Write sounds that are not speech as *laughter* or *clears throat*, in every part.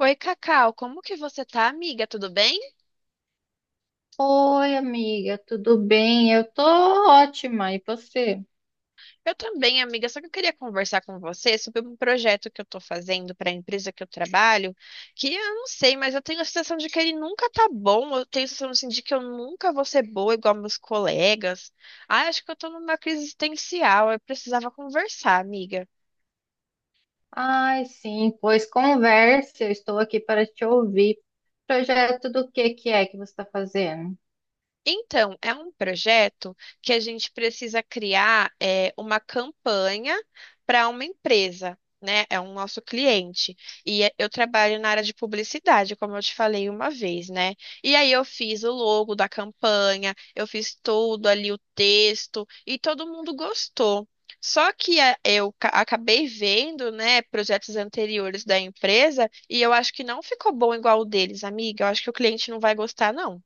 Oi, Cacau, como que você tá, amiga? Tudo bem? Oi, amiga, tudo bem? Eu tô ótima, e você? Eu também, amiga, só que eu queria conversar com você sobre um projeto que eu tô fazendo para a empresa que eu trabalho, que eu não sei, mas eu tenho a sensação de que ele nunca tá bom, eu tenho a sensação assim, de que eu nunca vou ser boa igual meus colegas. Ah, acho que eu tô numa crise existencial, eu precisava conversar, amiga. Ai, sim, pois converse, eu estou aqui para te ouvir. Projeto do que é que você está fazendo? Então, é um projeto que a gente precisa criar é, uma campanha para uma empresa, né? É um nosso cliente. Eu trabalho na área de publicidade, como eu te falei uma vez, né? E aí eu fiz o logo da campanha, eu fiz tudo ali, o texto, e todo mundo gostou. Só que é, eu acabei vendo, né, projetos anteriores da empresa e eu acho que não ficou bom igual o deles, amiga. Eu acho que o cliente não vai gostar, não.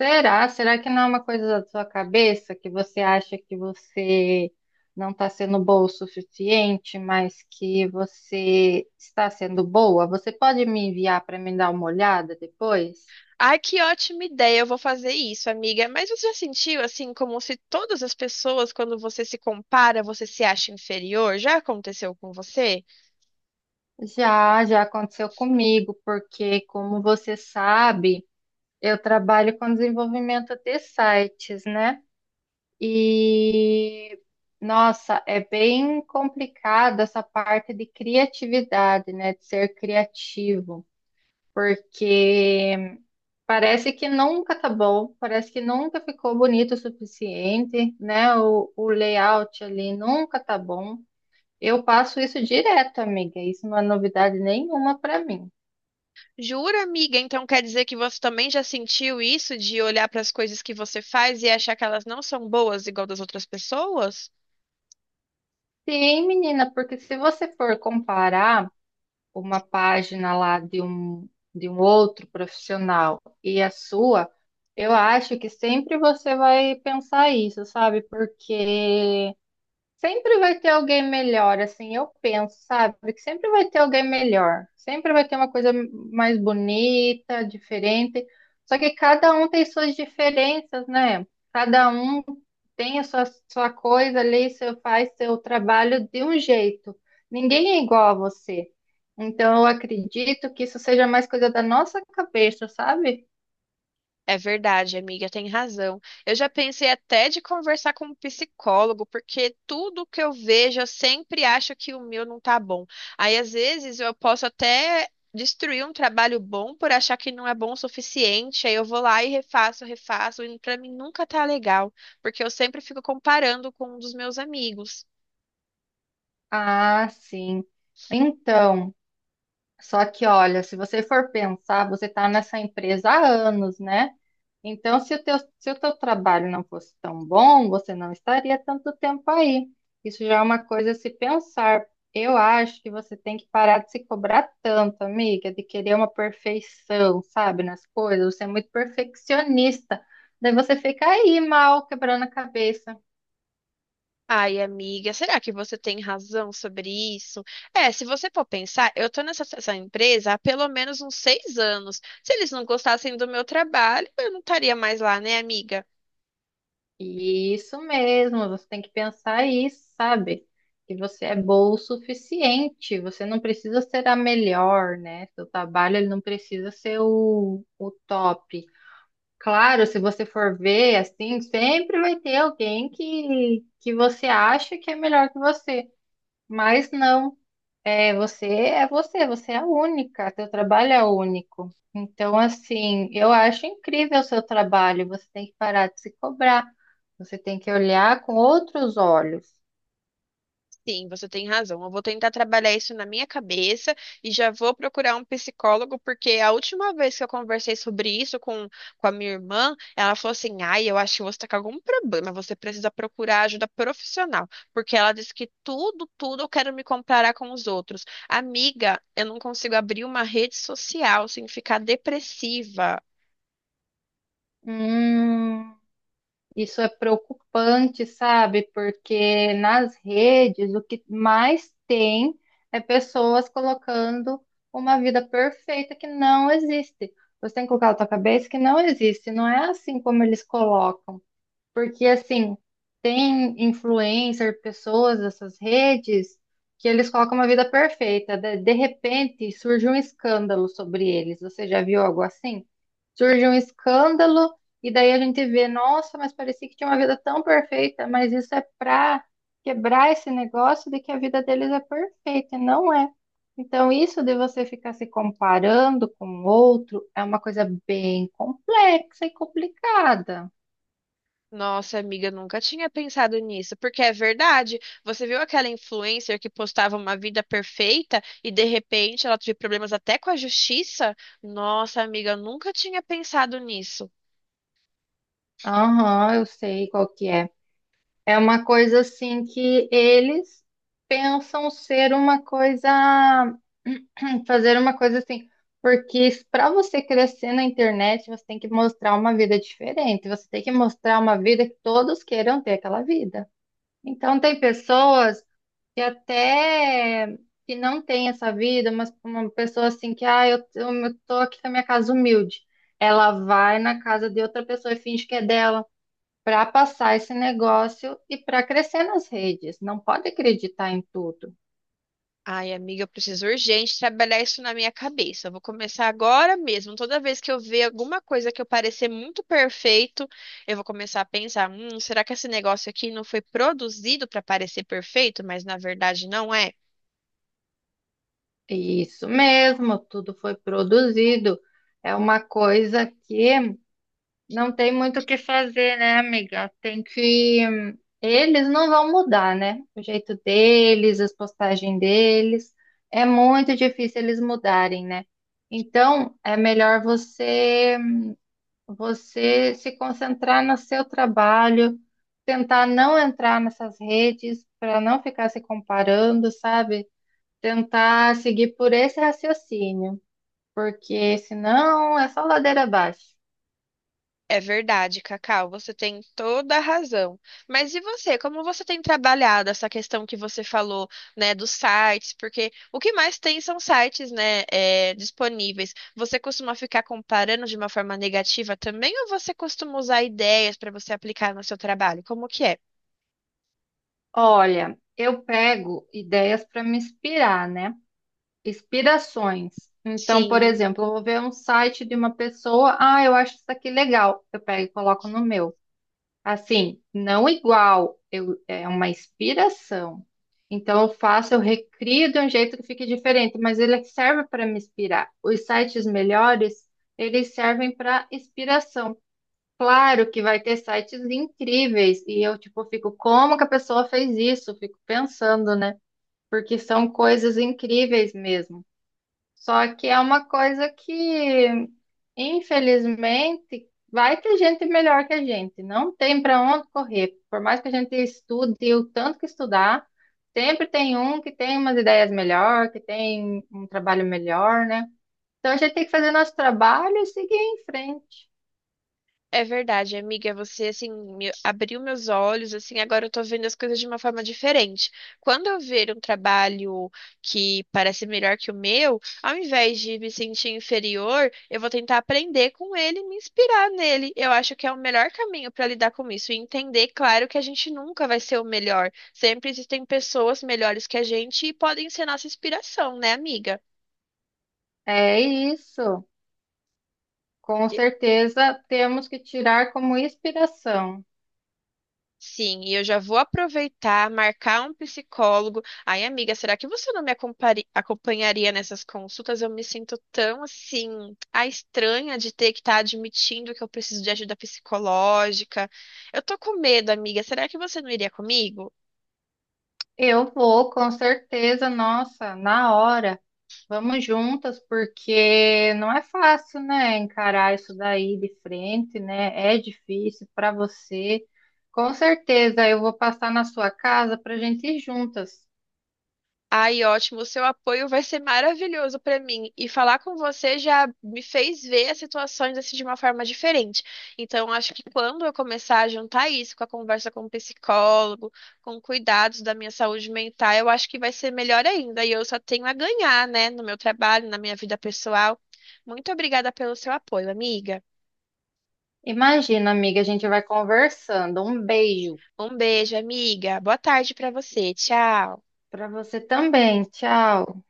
Será? Será que não é uma coisa da sua cabeça que você acha que você não está sendo boa o suficiente, mas que você está sendo boa? Você pode me enviar para me dar uma olhada depois? Ai, que ótima ideia, eu vou fazer isso, amiga. Mas você já sentiu assim, como se todas as pessoas, quando você se compara, você se acha inferior? Já aconteceu com você? Já aconteceu comigo, porque como você sabe. Eu trabalho com desenvolvimento de sites, né? E nossa, é bem complicado essa parte de criatividade, né? De ser criativo, porque parece que nunca tá bom, parece que nunca ficou bonito o suficiente, né? O layout ali nunca tá bom. Eu passo isso direto, amiga. Isso não é novidade nenhuma para mim. Jura, amiga? Então quer dizer que você também já sentiu isso de olhar para as coisas que você faz e achar que elas não são boas igual das outras pessoas? Sim, menina, porque se você for comparar uma página lá de um outro profissional e a sua, eu acho que sempre você vai pensar isso, sabe? Porque sempre vai ter alguém melhor, assim, eu penso, sabe? Que sempre vai ter alguém melhor. Sempre vai ter uma coisa mais bonita, diferente. Só que cada um tem suas diferenças, né? Cada um tem a sua coisa ali, seu, faz seu trabalho de um jeito. Ninguém é igual a você. Então, eu acredito que isso seja mais coisa da nossa cabeça, sabe? É verdade, amiga, tem razão. Eu já pensei até de conversar com um psicólogo, porque tudo que eu vejo, eu sempre acho que o meu não tá bom. Aí, às vezes, eu posso até destruir um trabalho bom por achar que não é bom o suficiente. Aí eu vou lá e refaço, refaço, e pra mim nunca tá legal, porque eu sempre fico comparando com um dos meus amigos. Ah, sim. Então. Só que, olha, se você for pensar, você está nessa empresa há anos, né? Então, se o teu trabalho não fosse tão bom, você não estaria tanto tempo aí. Isso já é uma coisa a se pensar. Eu acho que você tem que parar de se cobrar tanto, amiga, de querer uma perfeição, sabe, nas coisas. Você é muito perfeccionista. Daí você fica aí mal, quebrando a cabeça. Ai, amiga, será que você tem razão sobre isso? É, se você for pensar, eu tô nessa essa empresa há pelo menos uns 6 anos. Se eles não gostassem do meu trabalho, eu não estaria mais lá, né, amiga? Isso mesmo, você tem que pensar isso, sabe? Que você é bom o suficiente, você não precisa ser a melhor, né? Seu trabalho ele não precisa ser o top. Claro, se você for ver, assim, sempre vai ter alguém que você acha que é melhor que você, mas não. É você, você é única, teu trabalho é único. Então, assim, eu acho incrível o seu trabalho, você tem que parar de se cobrar, você tem que olhar com outros olhos. Sim, você tem razão. Eu vou tentar trabalhar isso na minha cabeça e já vou procurar um psicólogo, porque a última vez que eu conversei sobre isso com a minha irmã, ela falou assim: ai, eu acho que você está com algum problema, você precisa procurar ajuda profissional, porque ela disse que tudo eu quero me comparar com os outros. Amiga, eu não consigo abrir uma rede social sem ficar depressiva. Hum, isso é preocupante, sabe? Porque nas redes o que mais tem é pessoas colocando uma vida perfeita que não existe. Você tem que colocar na tua cabeça que não existe, não é assim como eles colocam. Porque, assim, tem influencer, pessoas dessas redes, que eles colocam uma vida perfeita. De repente, surge um escândalo sobre eles. Você já viu algo assim? Surge um escândalo, e daí a gente vê, nossa, mas parecia que tinha uma vida tão perfeita, mas isso é pra quebrar esse negócio de que a vida deles é perfeita, e não é. Então, isso de você ficar se comparando com o outro é uma coisa bem complexa e complicada. Nossa, amiga, nunca tinha pensado nisso, porque é verdade. Você viu aquela influencer que postava uma vida perfeita e de repente ela teve problemas até com a justiça? Nossa, amiga, eu nunca tinha pensado nisso. Aham, eu sei qual que é. É uma coisa assim que eles pensam ser uma coisa, *clears throat* fazer uma coisa assim, porque para você crescer na internet, você tem que mostrar uma vida diferente, você tem que mostrar uma vida que todos queiram ter aquela vida. Então tem pessoas que até que não têm essa vida, mas uma pessoa assim que, ah, eu tô aqui com a minha casa humilde. Ela vai na casa de outra pessoa e finge que é dela para passar esse negócio e para crescer nas redes. Não pode acreditar em tudo. Ai, amiga, eu preciso urgente trabalhar isso na minha cabeça. Eu vou começar agora mesmo. Toda vez que eu ver alguma coisa que eu parecer muito perfeito, eu vou começar a pensar: será que esse negócio aqui não foi produzido para parecer perfeito, mas na verdade não é? É isso mesmo, tudo foi produzido. É uma coisa que não tem muito o que fazer, né, amiga? Tem que. Eles não vão mudar, né? O jeito deles, as postagens deles. É muito difícil eles mudarem, né? Então, é melhor você se concentrar no seu trabalho, tentar não entrar nessas redes para não ficar se comparando, sabe? Tentar seguir por esse raciocínio, porque senão é só ladeira abaixo. É verdade, Cacau, você tem toda a razão. Mas e você, como você tem trabalhado essa questão que você falou, né, dos sites? Porque o que mais tem são sites, né, é, disponíveis. Você costuma ficar comparando de uma forma negativa também, ou você costuma usar ideias para você aplicar no seu trabalho? Como que é? Olha, eu pego ideias para me inspirar, né? Inspirações. Então, por Sim. exemplo, eu vou ver um site de uma pessoa, ah, eu acho isso aqui legal, eu pego e coloco no meu. Assim, não igual, eu, é uma inspiração. Então, eu faço, eu recrio de um jeito que fique diferente, mas ele serve para me inspirar. Os sites melhores, eles servem para inspiração. Claro que vai ter sites incríveis, e eu, tipo, fico, como que a pessoa fez isso? Fico pensando, né? Porque são coisas incríveis mesmo. Só que é uma coisa que, infelizmente, vai ter gente melhor que a gente. Não tem para onde correr. Por mais que a gente estude o tanto que estudar, sempre tem um que tem umas ideias melhor, que tem um trabalho melhor, né? Então a gente tem que fazer nosso trabalho e seguir em frente. É verdade, amiga, você assim me abriu meus olhos, assim, agora eu tô vendo as coisas de uma forma diferente. Quando eu ver um trabalho que parece melhor que o meu, ao invés de me sentir inferior, eu vou tentar aprender com ele e me inspirar nele. Eu acho que é o melhor caminho para lidar com isso e entender, claro, que a gente nunca vai ser o melhor. Sempre existem pessoas melhores que a gente e podem ser nossa inspiração, né, amiga? É isso. Com certeza temos que tirar como inspiração. Sim, e eu já vou aproveitar, marcar um psicólogo. Ai, amiga, será que você não me acompanharia nessas consultas? Eu me sinto tão assim, a estranha de ter que estar admitindo que eu preciso de ajuda psicológica. Eu tô com medo, amiga. Será que você não iria comigo? Eu vou, com certeza, nossa, na hora. Vamos juntas, porque não é fácil, né, encarar isso daí de frente, né? É difícil para você. Com certeza, eu vou passar na sua casa para a gente ir juntas. Ai, ótimo, o seu apoio vai ser maravilhoso para mim. E falar com você já me fez ver as situações assim de uma forma diferente. Então, acho que quando eu começar a juntar isso com a conversa com o psicólogo, com cuidados da minha saúde mental, eu acho que vai ser melhor ainda. E eu só tenho a ganhar, né, no meu trabalho, na minha vida pessoal. Muito obrigada pelo seu apoio, amiga. Imagina, amiga, a gente vai conversando. Um beijo Um beijo, amiga. Boa tarde para você. Tchau. para você também. Tchau.